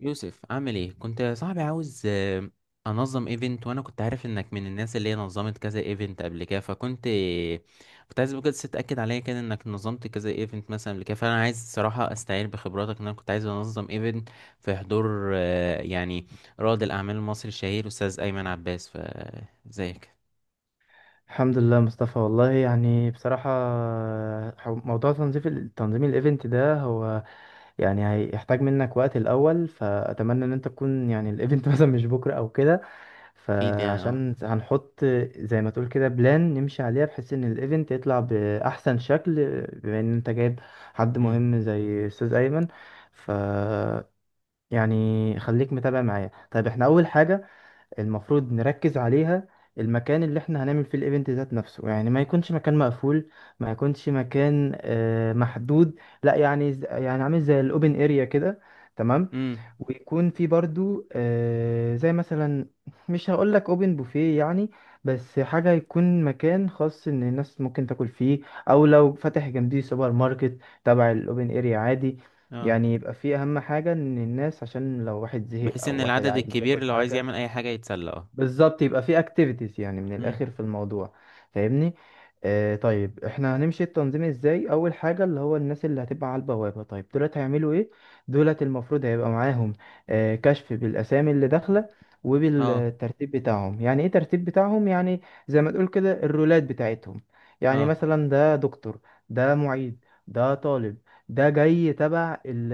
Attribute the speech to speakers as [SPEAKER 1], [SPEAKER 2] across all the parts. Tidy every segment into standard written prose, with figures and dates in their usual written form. [SPEAKER 1] يوسف عامل ايه كنت يا صاحبي عاوز انظم ايفنت وانا كنت عارف انك من الناس اللي هي نظمت كذا ايفنت قبل كده فكنت عايز بجد تتاكد عليا كده انك نظمت كذا ايفنت مثلا قبل كده فانا عايز الصراحه استعين بخبراتك ان انا كنت عايز انظم ايفنت في حضور يعني رائد الاعمال المصري الشهير استاذ ايمن عباس فازيك.
[SPEAKER 2] الحمد لله مصطفى. والله يعني بصراحة، موضوع تنظيم الايفنت ده هو يعني هيحتاج منك وقت الأول، فأتمنى إن أنت تكون يعني الايفنت مثلا مش بكرة أو كده.
[SPEAKER 1] اكيد يعني اه.
[SPEAKER 2] فعشان هنحط زي ما تقول كده بلان نمشي عليها، بحيث إن الايفنت يطلع بأحسن شكل. بما إن أنت جايب حد
[SPEAKER 1] امم.
[SPEAKER 2] مهم زي أستاذ أيمن، ف يعني خليك متابع معايا. طيب احنا أول حاجة المفروض نركز عليها المكان اللي احنا هنعمل فيه الايفنت ذات نفسه، يعني ما يكونش مكان مقفول، ما يكونش مكان محدود، لا يعني يعني عامل زي الاوبن اريا كده، تمام؟
[SPEAKER 1] امم.
[SPEAKER 2] ويكون في برضو زي مثلا، مش هقول لك اوبن بوفيه يعني، بس حاجة يكون مكان خاص ان الناس ممكن تاكل فيه، او لو فاتح جنبيه سوبر ماركت تبع الاوبن اريا عادي.
[SPEAKER 1] اه.
[SPEAKER 2] يعني يبقى فيه اهم حاجة ان الناس، عشان لو واحد زهق
[SPEAKER 1] بحيث ان
[SPEAKER 2] او واحد
[SPEAKER 1] العدد
[SPEAKER 2] عايز ياكل
[SPEAKER 1] الكبير لو عايز
[SPEAKER 2] حاجة.
[SPEAKER 1] يعمل اي حاجه يتسلى اه.
[SPEAKER 2] بالظبط، يبقى في اكتيفيتيز يعني من
[SPEAKER 1] امم.
[SPEAKER 2] الاخر في الموضوع، فاهمني؟ آه طيب، احنا هنمشي التنظيم ازاي؟ اول حاجه اللي هو الناس اللي هتبقى على البوابه، طيب دولت هيعملوا ايه؟ دولت المفروض هيبقى معاهم آه كشف بالاسامي اللي داخله،
[SPEAKER 1] اه.
[SPEAKER 2] وبالترتيب بتاعهم. يعني ايه ترتيب بتاعهم يعني؟ زي ما تقول كده الرولات بتاعتهم. يعني
[SPEAKER 1] اه.
[SPEAKER 2] مثلا ده دكتور، ده معيد، ده طالب، ده جاي تبع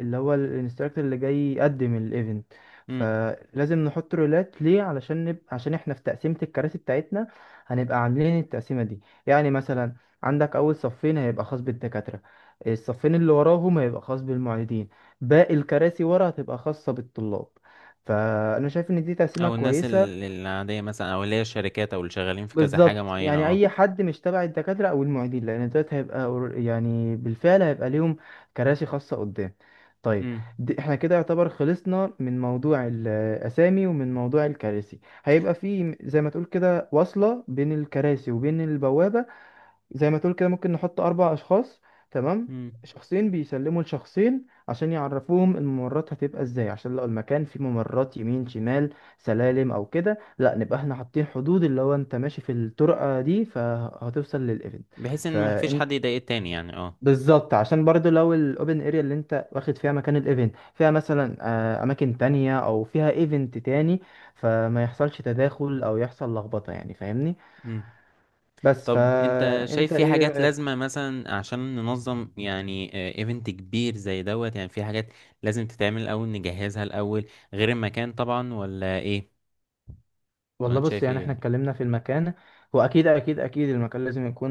[SPEAKER 2] اللي هو الانستراكتور اللي جاي يقدم الايفنت.
[SPEAKER 1] امم.
[SPEAKER 2] فلازم نحط رولات ليه علشان عشان احنا في تقسيمة الكراسي بتاعتنا هنبقى عاملين التقسيمة دي. يعني مثلا عندك أول صفين هيبقى خاص بالدكاترة، الصفين اللي وراهم هيبقى خاص بالمعيدين، باقي الكراسي ورا هتبقى خاصة بالطلاب. فأنا شايف إن دي تقسيمة
[SPEAKER 1] او الناس
[SPEAKER 2] كويسة.
[SPEAKER 1] العاديه مثلا او اللي هي الشركات او اللي شغالين في كذا حاجه
[SPEAKER 2] بالظبط،
[SPEAKER 1] معينه
[SPEAKER 2] يعني
[SPEAKER 1] اه.
[SPEAKER 2] اي حد مش تبع الدكاتره او المعيدين، لان دلوقتي هيبقى يعني بالفعل هيبقى ليهم كراسي خاصه قدام. طيب،
[SPEAKER 1] امم.
[SPEAKER 2] دي احنا كده يعتبر خلصنا من موضوع الاسامي ومن موضوع الكراسي. هيبقى في زي ما تقول كده وصله بين الكراسي وبين البوابه. زي ما تقول كده ممكن نحط أربع أشخاص، تمام؟
[SPEAKER 1] امم.
[SPEAKER 2] شخصين بيسلموا لشخصين عشان يعرفوهم الممرات هتبقى ازاي، عشان لو المكان فيه ممرات يمين شمال سلالم او كده، لا نبقى احنا حاطين حدود اللي هو انت ماشي في الطرقة دي فهتوصل للايفنت.
[SPEAKER 1] بحيث ان مفيش
[SPEAKER 2] فانت،
[SPEAKER 1] حد يضايق التاني يعني اه.
[SPEAKER 2] بالظبط، عشان برضو لو الاوبن اريا اللي انت واخد فيها مكان الايفنت فيها مثلا اماكن تانية او فيها ايفنت تاني، فما يحصلش تداخل او يحصل لخبطة يعني، فاهمني؟
[SPEAKER 1] امم.
[SPEAKER 2] بس،
[SPEAKER 1] طب انت
[SPEAKER 2] فانت
[SPEAKER 1] شايف في
[SPEAKER 2] ايه
[SPEAKER 1] حاجات
[SPEAKER 2] رأيك؟
[SPEAKER 1] لازمه مثلا عشان ننظم يعني ايفنت كبير زي دوت، يعني في حاجات لازم تتعمل الاول نجهزها الاول غير المكان طبعا ولا ايه؟ ولا
[SPEAKER 2] والله
[SPEAKER 1] انت
[SPEAKER 2] بص،
[SPEAKER 1] شايف
[SPEAKER 2] يعني
[SPEAKER 1] ايه
[SPEAKER 2] احنا
[SPEAKER 1] يعني؟
[SPEAKER 2] اتكلمنا في المكان. هو اكيد اكيد اكيد المكان لازم يكون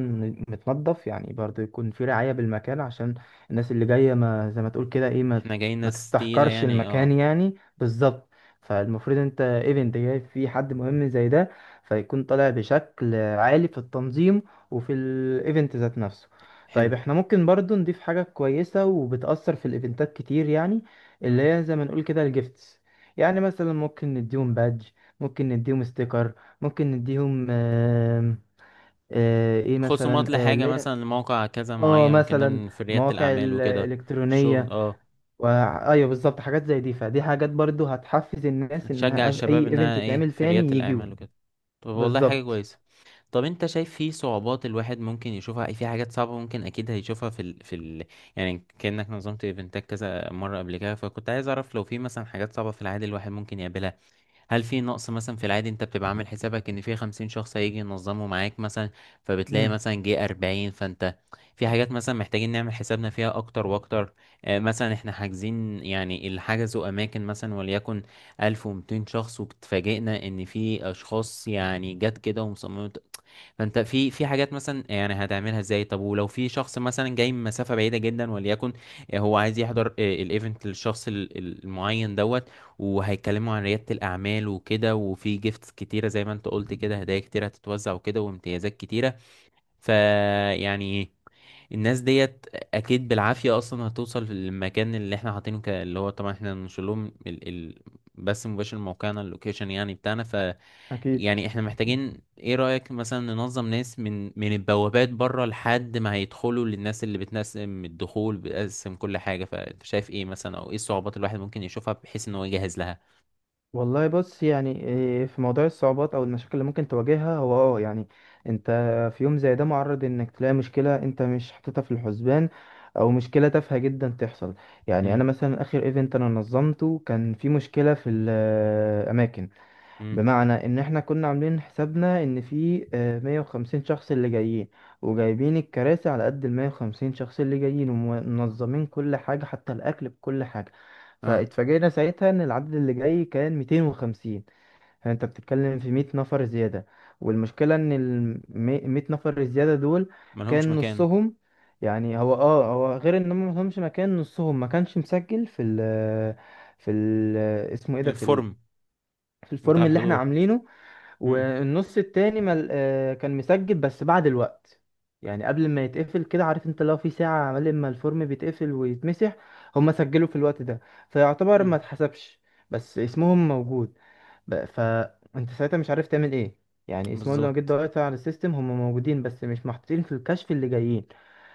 [SPEAKER 2] متنظف، يعني برضه يكون في رعاية بالمكان عشان الناس اللي جاية. ما زي ما تقول كده، ايه، ما
[SPEAKER 1] احنا جايين
[SPEAKER 2] ما
[SPEAKER 1] ناس تقيله
[SPEAKER 2] تستحقرش
[SPEAKER 1] يعني
[SPEAKER 2] المكان
[SPEAKER 1] اه.
[SPEAKER 2] يعني. بالظبط، فالمفروض انت ايفنت جاي فيه حد مهم زي ده، فيكون طالع بشكل عالي في التنظيم وفي الايفنت ذات نفسه. طيب،
[SPEAKER 1] حلو.
[SPEAKER 2] احنا ممكن برضه نضيف حاجة كويسة وبتأثر في الايفنتات كتير يعني، اللي
[SPEAKER 1] امم.
[SPEAKER 2] هي زي ما نقول كده الجيفتس. يعني مثلا ممكن نديهم بادج، ممكن نديهم ستيكر، ممكن نديهم ايه
[SPEAKER 1] خصومات
[SPEAKER 2] مثلا،
[SPEAKER 1] لحاجه
[SPEAKER 2] اللي هي،
[SPEAKER 1] مثلا لموقع كذا
[SPEAKER 2] اه
[SPEAKER 1] معين ممكن
[SPEAKER 2] مثلا
[SPEAKER 1] نعمل في رياده
[SPEAKER 2] مواقع
[SPEAKER 1] الاعمال وكده. الشغل
[SPEAKER 2] الالكترونيه
[SPEAKER 1] اه.
[SPEAKER 2] و... ايوه بالظبط، حاجات زي دي. فدي حاجات برضو هتحفز الناس
[SPEAKER 1] تشجع
[SPEAKER 2] انها، اي
[SPEAKER 1] الشباب
[SPEAKER 2] ايفنت
[SPEAKER 1] انها ايه
[SPEAKER 2] يتعمل
[SPEAKER 1] في
[SPEAKER 2] تاني
[SPEAKER 1] ريادة
[SPEAKER 2] يجيوا.
[SPEAKER 1] الاعمال وكده. طب والله حاجة
[SPEAKER 2] بالظبط.
[SPEAKER 1] كويسة. طب انت شايف في صعوبات الواحد ممكن يشوفها في حاجات صعبة ممكن اكيد هيشوفها يعني كأنك نظمت ايفنتات كذا مرة قبل كده فكنت عايز اعرف لو في مثلا حاجات صعبة في العادي الواحد ممكن يقابلها. هل في نقص مثلا في العادي انت بتبقى عامل حسابك ان في 50 شخص هيجي ينظموا معاك مثلا، فبتلاقي
[SPEAKER 2] امم.
[SPEAKER 1] مثلا جه 40؟ فانت في حاجات مثلا محتاجين نعمل حسابنا فيها اكتر واكتر، مثلا احنا حاجزين يعني اللي حجزوا اماكن مثلا وليكن 1200 شخص واتفاجئنا ان في اشخاص يعني جت كده ومصممة. فانت في حاجات مثلا يعني هتعملها ازاي؟ طب ولو في شخص مثلا جاي من مسافه بعيده جدا وليكن هو عايز يحضر الايفنت للشخص المعين دوت، وهيتكلموا عن رياده الاعمال وكده وفي جيفتس كتيره زي ما انت قلت كده هدايا كتيره هتتوزع وكده وامتيازات كتيره، فيعني الناس ديت اكيد بالعافيه اصلا هتوصل للمكان اللي احنا حاطينه اللي هو طبعا احنا هننشر لهم بس مباشر من موقعنا اللوكيشن يعني بتاعنا.
[SPEAKER 2] اكيد.
[SPEAKER 1] يعني احنا محتاجين، ايه رأيك مثلا ننظم ناس من البوابات بره لحد ما هيدخلوا للناس اللي بتنسم الدخول بتقسم كل حاجة، فانت شايف ايه مثلا او ايه الصعوبات الواحد ممكن يشوفها بحيث ان هو يجهز لها؟
[SPEAKER 2] والله بص، يعني إيه، في موضوع الصعوبات او المشاكل اللي ممكن تواجهها، هو اه يعني انت في يوم زي ده معرض انك تلاقي مشكلة انت مش حاططها في الحسبان، او مشكلة تافهة جدا تحصل. يعني
[SPEAKER 1] امم.
[SPEAKER 2] انا مثلا اخر ايفنت انا نظمته كان في مشكلة في الاماكن.
[SPEAKER 1] امم.
[SPEAKER 2] بمعنى ان احنا كنا عاملين حسابنا ان في 150 شخص اللي جايين، وجايبين الكراسي على قد ال 150 شخص اللي جايين، ومنظمين كل حاجة حتى الاكل بكل حاجة.
[SPEAKER 1] اه.
[SPEAKER 2] فاتفاجئنا ساعتها ان العدد اللي جاي كان 250. فانت بتتكلم في 100 نفر زيادة. والمشكلة ان ال 100 نفر الزيادة دول
[SPEAKER 1] ملهمش
[SPEAKER 2] كان
[SPEAKER 1] مكان.
[SPEAKER 2] نصهم، يعني هو غير ان هم مفهمش مكان، نصهم ما كانش مسجل في ال اسمه ايه ده، في ال
[SPEAKER 1] الفورم.
[SPEAKER 2] في
[SPEAKER 1] بتاع
[SPEAKER 2] الفورم اللي احنا
[SPEAKER 1] الحضور.
[SPEAKER 2] عاملينه.
[SPEAKER 1] امم.
[SPEAKER 2] والنص التاني كان مسجل بس بعد الوقت. يعني قبل ما يتقفل، كده عارف انت لو في ساعة عمال ما الفورم بيتقفل ويتمسح، هما سجلوا في الوقت ده فيعتبر
[SPEAKER 1] امم.
[SPEAKER 2] ما اتحسبش، بس اسمهم موجود. فانت ساعتها مش عارف تعمل ايه. يعني اسمهم لو جيت
[SPEAKER 1] بالظبط.
[SPEAKER 2] دورت على السيستم هما موجودين، بس مش محطوطين في الكشف اللي جايين.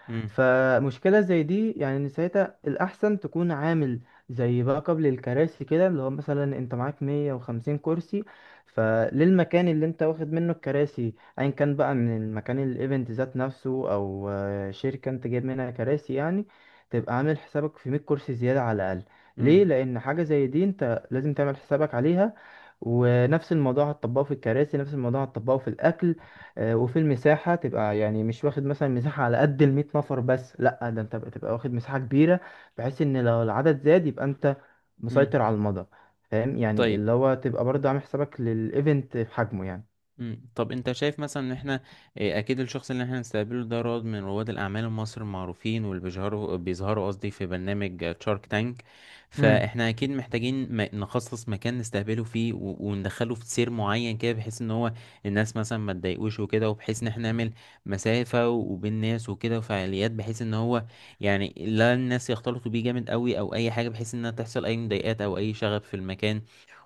[SPEAKER 1] امم.
[SPEAKER 2] فمشكلة زي دي، يعني إن ساعتها الأحسن تكون عامل زي باك اب للكراسي كده. اللي هو مثلا انت معاك 150 كرسي، فللمكان اللي انت واخد منه الكراسي ايا كان بقى، من المكان الايفنت ذات نفسه او شركة انت جايب منها كراسي يعني، تبقى عامل حسابك في 100 كرسي زيادة على الأقل. ليه؟
[SPEAKER 1] امم.
[SPEAKER 2] لأن حاجة زي دي انت لازم تعمل حسابك عليها. ونفس الموضوع هتطبقه في الكراسي، نفس الموضوع هتطبقه في الأكل، وفي المساحة. تبقى يعني مش واخد مثلا مساحة على قد المية نفر بس، لأ ده انت بقى تبقى واخد مساحة كبيرة، بحيث ان لو العدد زاد يبقى انت
[SPEAKER 1] امم.
[SPEAKER 2] مسيطر على المدى. فاهم يعني،
[SPEAKER 1] طيب.
[SPEAKER 2] اللي هو تبقى برضه عامل حسابك للإيفنت في حجمه
[SPEAKER 1] مم. طب انت شايف مثلا ان احنا اه، اكيد الشخص اللي احنا هنستقبله ده رواد من رواد الاعمال المصري المعروفين، واللي بيظهروا قصدي في برنامج شارك تانك.
[SPEAKER 2] يعني.
[SPEAKER 1] فاحنا اكيد محتاجين نخصص مكان نستقبله فيه وندخله في سير معين كده بحيث ان هو الناس مثلا ما تضايقوش وكده، وبحيث ان احنا نعمل مسافة وبين الناس وكده وفعاليات، بحيث ان هو يعني لا الناس يختلطوا بيه جامد قوي او اي حاجة بحيث انها تحصل اي مضايقات او اي شغب في المكان.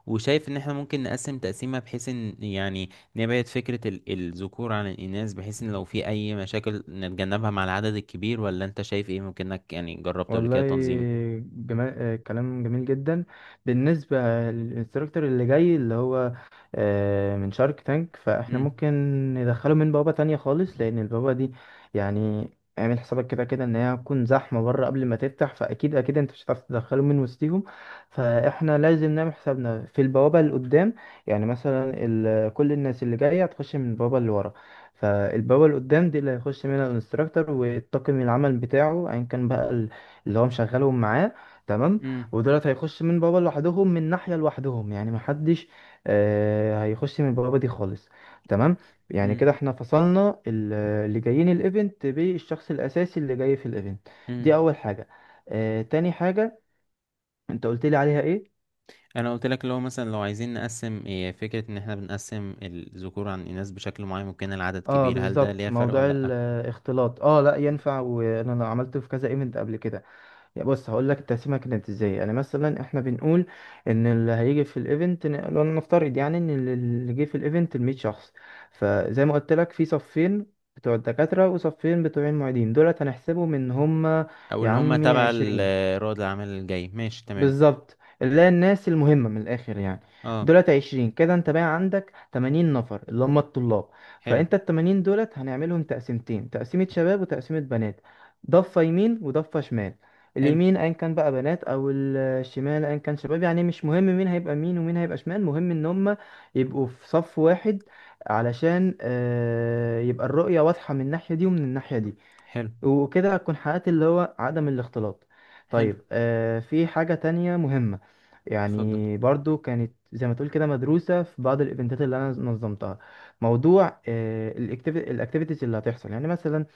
[SPEAKER 1] وشايف ان احنا ممكن نقسم تقسيمة بحيث ان يعني نبعد فكرة الذكور عن الإناث، بحيث إن لو في أي مشاكل نتجنبها مع العدد الكبير، ولا أنت شايف إيه ممكنك يعني جربت قبل
[SPEAKER 2] والله
[SPEAKER 1] كده تنظيم؟
[SPEAKER 2] كلام جميل جدا. بالنسبة للانستراكتور اللي جاي اللي هو من شارك تانك، فاحنا
[SPEAKER 1] مم.
[SPEAKER 2] ممكن ندخله من بوابة تانية خالص، لأن البوابة دي يعني اعمل حسابك كده كده ان هي هتكون زحمة بره قبل ما تفتح، فأكيد أكيد انت مش هتعرف تدخله من وسطهم. فاحنا لازم نعمل حسابنا في البوابة اللي قدام. يعني مثلا، ال... كل الناس اللي جاية هتخش من البوابة اللي ورا، فالبوابة اللي قدام دي اللي هيخش منها الانستراكتور والطاقم العمل بتاعه أيا كان بقى، اللي هو مشغلهم معاه، تمام؟
[SPEAKER 1] مم.
[SPEAKER 2] ودولت هيخش من بابا لوحدهم، من ناحية لوحدهم، يعني محدش آه هيخش من بابا دي خالص، تمام؟ يعني
[SPEAKER 1] مم.
[SPEAKER 2] كده احنا فصلنا اللي جايين الايفنت بالشخص الأساسي اللي جاي في الايفنت.
[SPEAKER 1] مم.
[SPEAKER 2] دي أول حاجة. آه تاني حاجة انت قلت لي عليها ايه؟
[SPEAKER 1] أنا قلت لك لو مثلا لو عايزين نقسم، إيه فكرة إن إحنا بنقسم الذكور عن الإناث بشكل معين ممكن العدد
[SPEAKER 2] اه
[SPEAKER 1] كبير؟ هل ده
[SPEAKER 2] بالظبط،
[SPEAKER 1] ليه فرق
[SPEAKER 2] موضوع
[SPEAKER 1] ولا لأ؟
[SPEAKER 2] الاختلاط، اه لا ينفع، وانا عملته في كذا ايفنت قبل كده. يعني بص هقول لك التقسيمه كانت ازاي. يعني مثلا احنا بنقول ان اللي هيجي في الايفنت، لو نفترض يعني ان اللي جه في الايفنت ال 100 شخص، فزي ما قلت لك في صفين بتوع الدكاتره وصفين بتوع المعيدين، دولت هنحسبهم ان هم،
[SPEAKER 1] أو
[SPEAKER 2] يا
[SPEAKER 1] اللي هما
[SPEAKER 2] عمي،
[SPEAKER 1] تبع
[SPEAKER 2] 20
[SPEAKER 1] رواد الأعمال الجاي ماشي تمام.
[SPEAKER 2] بالظبط، اللي هي الناس المهمة من الآخر يعني.
[SPEAKER 1] أه.
[SPEAKER 2] دولت عشرين كده، انت بقى عندك تمانين نفر اللي هم الطلاب.
[SPEAKER 1] حلو.
[SPEAKER 2] فانت التمانين دولت هنعملهم تقسيمتين، تقسيمة شباب وتقسيمة بنات، ضفة يمين وضفة شمال.
[SPEAKER 1] حلو.
[SPEAKER 2] اليمين ايا كان بقى بنات، او الشمال ايا كان شباب. يعني مش مهم مين هيبقى مين ومين هيبقى شمال، مهم ان هم يبقوا في صف واحد، علشان يبقى الرؤية واضحة من الناحية دي ومن الناحية دي.
[SPEAKER 1] حلو.
[SPEAKER 2] وكده هتكون حققت اللي هو عدم الاختلاط.
[SPEAKER 1] حلو.
[SPEAKER 2] طيب، آه في حاجة تانية مهمة،
[SPEAKER 1] اتفضل.
[SPEAKER 2] يعني برضو كانت زي ما تقول كده مدروسة في بعض الايفنتات اللي انا نظمتها. موضوع آه الاكتيفيتيز اللي هتحصل. يعني مثلا،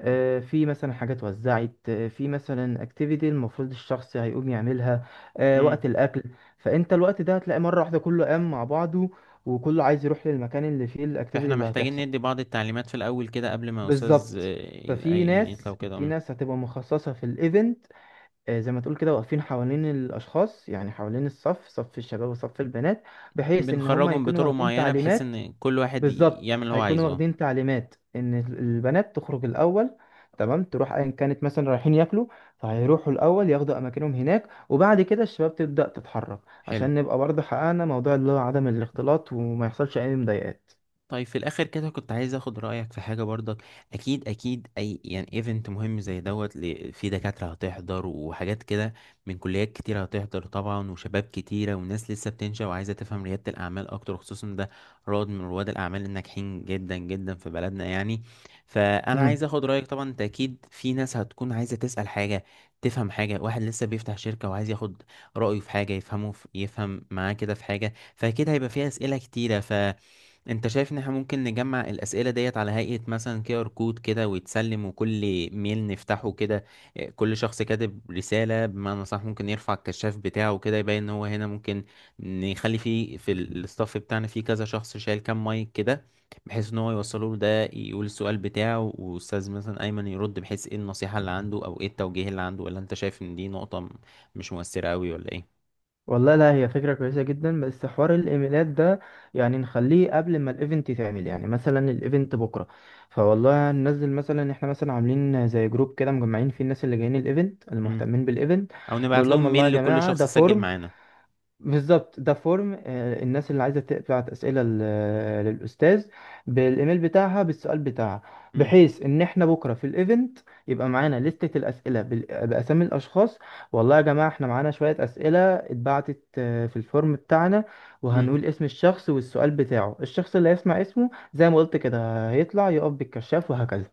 [SPEAKER 2] آه في مثلا حاجات اتوزعت، في مثلا اكتيفيتي المفروض الشخص هيقوم يعملها آه
[SPEAKER 1] مم.
[SPEAKER 2] وقت الاكل. فانت الوقت ده هتلاقي مرة واحدة كله قام مع بعضه، وكله عايز يروح للمكان اللي فيه الاكتيفيتي
[SPEAKER 1] فاحنا
[SPEAKER 2] اللي
[SPEAKER 1] محتاجين
[SPEAKER 2] هتحصل.
[SPEAKER 1] ندي بعض التعليمات في الأول كده قبل ما أستاذ
[SPEAKER 2] بالظبط. ففي
[SPEAKER 1] الأيمن يطلع
[SPEAKER 2] ناس
[SPEAKER 1] كده.
[SPEAKER 2] في ناس هتبقى مخصصة في الايفنت، زي ما تقول كده واقفين حوالين الاشخاص، يعني حوالين الصف، صف الشباب وصف البنات، بحيث ان هم
[SPEAKER 1] بنخرجهم
[SPEAKER 2] يكونوا
[SPEAKER 1] بطرق
[SPEAKER 2] واخدين
[SPEAKER 1] معينة بحيث
[SPEAKER 2] تعليمات.
[SPEAKER 1] إن كل واحد
[SPEAKER 2] بالظبط،
[SPEAKER 1] يعمل اللي هو
[SPEAKER 2] هيكونوا
[SPEAKER 1] عايزه اه.
[SPEAKER 2] واخدين تعليمات ان البنات تخرج الاول، تمام؟ تروح ايا كانت مثلا رايحين ياكلوا، فهيروحوا الاول ياخدوا اماكنهم هناك، وبعد كده الشباب تبدأ تتحرك.
[SPEAKER 1] حلو.
[SPEAKER 2] عشان نبقى برضه حققنا موضوع اللي هو عدم الاختلاط، وما يحصلش اي مضايقات.
[SPEAKER 1] طيب في الاخر كده كنت عايز اخد رايك في حاجه برضك. اكيد اكيد اي يعني ايفنت مهم زي دوت، في دكاتره هتحضر وحاجات كده من كليات كتير هتحضر طبعا وشباب كتيره وناس لسه بتنشا وعايزه تفهم رياده الاعمال اكتر، خصوصا ده رواد من رواد الاعمال الناجحين جدا جدا في بلدنا يعني. فانا عايز اخد رايك، طبعا انت اكيد في ناس هتكون عايزه تسال حاجه تفهم حاجه، واحد لسه بيفتح شركه وعايز ياخد رايه في حاجه يفهمه في يفهم معاه كده في حاجه، فاكيد هيبقى فيها اسئله كتيره. ف انت شايف ان احنا ممكن نجمع الاسئله ديت على هيئه مثلا QR كود كده ويتسلم؟ وكل ميل نفتحه كده، اه، كل شخص كاتب رساله بمعنى صح ممكن يرفع الكشاف بتاعه كده يبين ان هو هنا. ممكن نخلي فيه في الستاف بتاعنا فيه كذا شخص شايل كام مايك كده بحيث ان هو يوصله له، ده يقول السؤال بتاعه واستاذ مثلا ايمن يرد بحيث ايه النصيحه اللي عنده او ايه التوجيه اللي عنده. ولا انت شايف ان دي نقطه مش مؤثره قوي ولا ايه؟
[SPEAKER 2] والله لا، هي فكرة كويسة جدا، بس حوار الايميلات ده يعني نخليه قبل ما الايفنت يتعمل، يعني مثلا الايفنت بكرة، فوالله ننزل مثلا، احنا مثلا عاملين زي جروب كده مجمعين فيه الناس اللي جايين الايفنت
[SPEAKER 1] مم.
[SPEAKER 2] المهتمين بالايفنت.
[SPEAKER 1] او نبعت
[SPEAKER 2] نقول لهم
[SPEAKER 1] لهم
[SPEAKER 2] والله يا
[SPEAKER 1] ميل لكل
[SPEAKER 2] جماعة ده
[SPEAKER 1] شخص سجل
[SPEAKER 2] فورم،
[SPEAKER 1] معانا.
[SPEAKER 2] بالظبط، ده فورم الناس اللي عايزه تبعت اسئله للاستاذ بالايميل بتاعها بالسؤال بتاعها،
[SPEAKER 1] مم.
[SPEAKER 2] بحيث ان احنا بكره في الايفنت يبقى معانا لستة الاسئله باسامي الاشخاص. والله يا جماعه احنا معانا شويه اسئله اتبعتت في الفورم بتاعنا.
[SPEAKER 1] مم.
[SPEAKER 2] وهنقول اسم الشخص والسؤال بتاعه، الشخص اللي هيسمع اسمه زي ما قلت كده هيطلع يقف بالكشاف، وهكذا.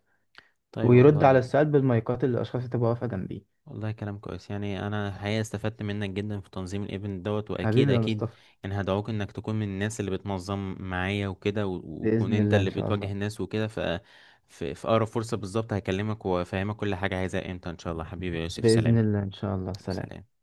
[SPEAKER 1] طيب
[SPEAKER 2] ويرد على
[SPEAKER 1] والله.
[SPEAKER 2] السؤال بالمايكات اللي الاشخاص اللي تبقى واقفه جنبيه.
[SPEAKER 1] والله كلام كويس، يعني انا الحقيقه استفدت منك جدا في تنظيم الايفنت دوت، واكيد
[SPEAKER 2] حبيبي يا
[SPEAKER 1] اكيد
[SPEAKER 2] مصطفى.
[SPEAKER 1] يعني هدعوك انك تكون من الناس اللي بتنظم معايا وكده وتكون
[SPEAKER 2] باذن
[SPEAKER 1] انت
[SPEAKER 2] الله
[SPEAKER 1] اللي
[SPEAKER 2] ان شاء
[SPEAKER 1] بتواجه
[SPEAKER 2] الله.
[SPEAKER 1] الناس وكده، ف في اقرب فرصه بالظبط هكلمك وافهمك كل حاجه عايزها امتى ان شاء الله. حبيبي يا يوسف
[SPEAKER 2] باذن
[SPEAKER 1] سلام.
[SPEAKER 2] الله ان شاء الله. سلام.
[SPEAKER 1] سلام.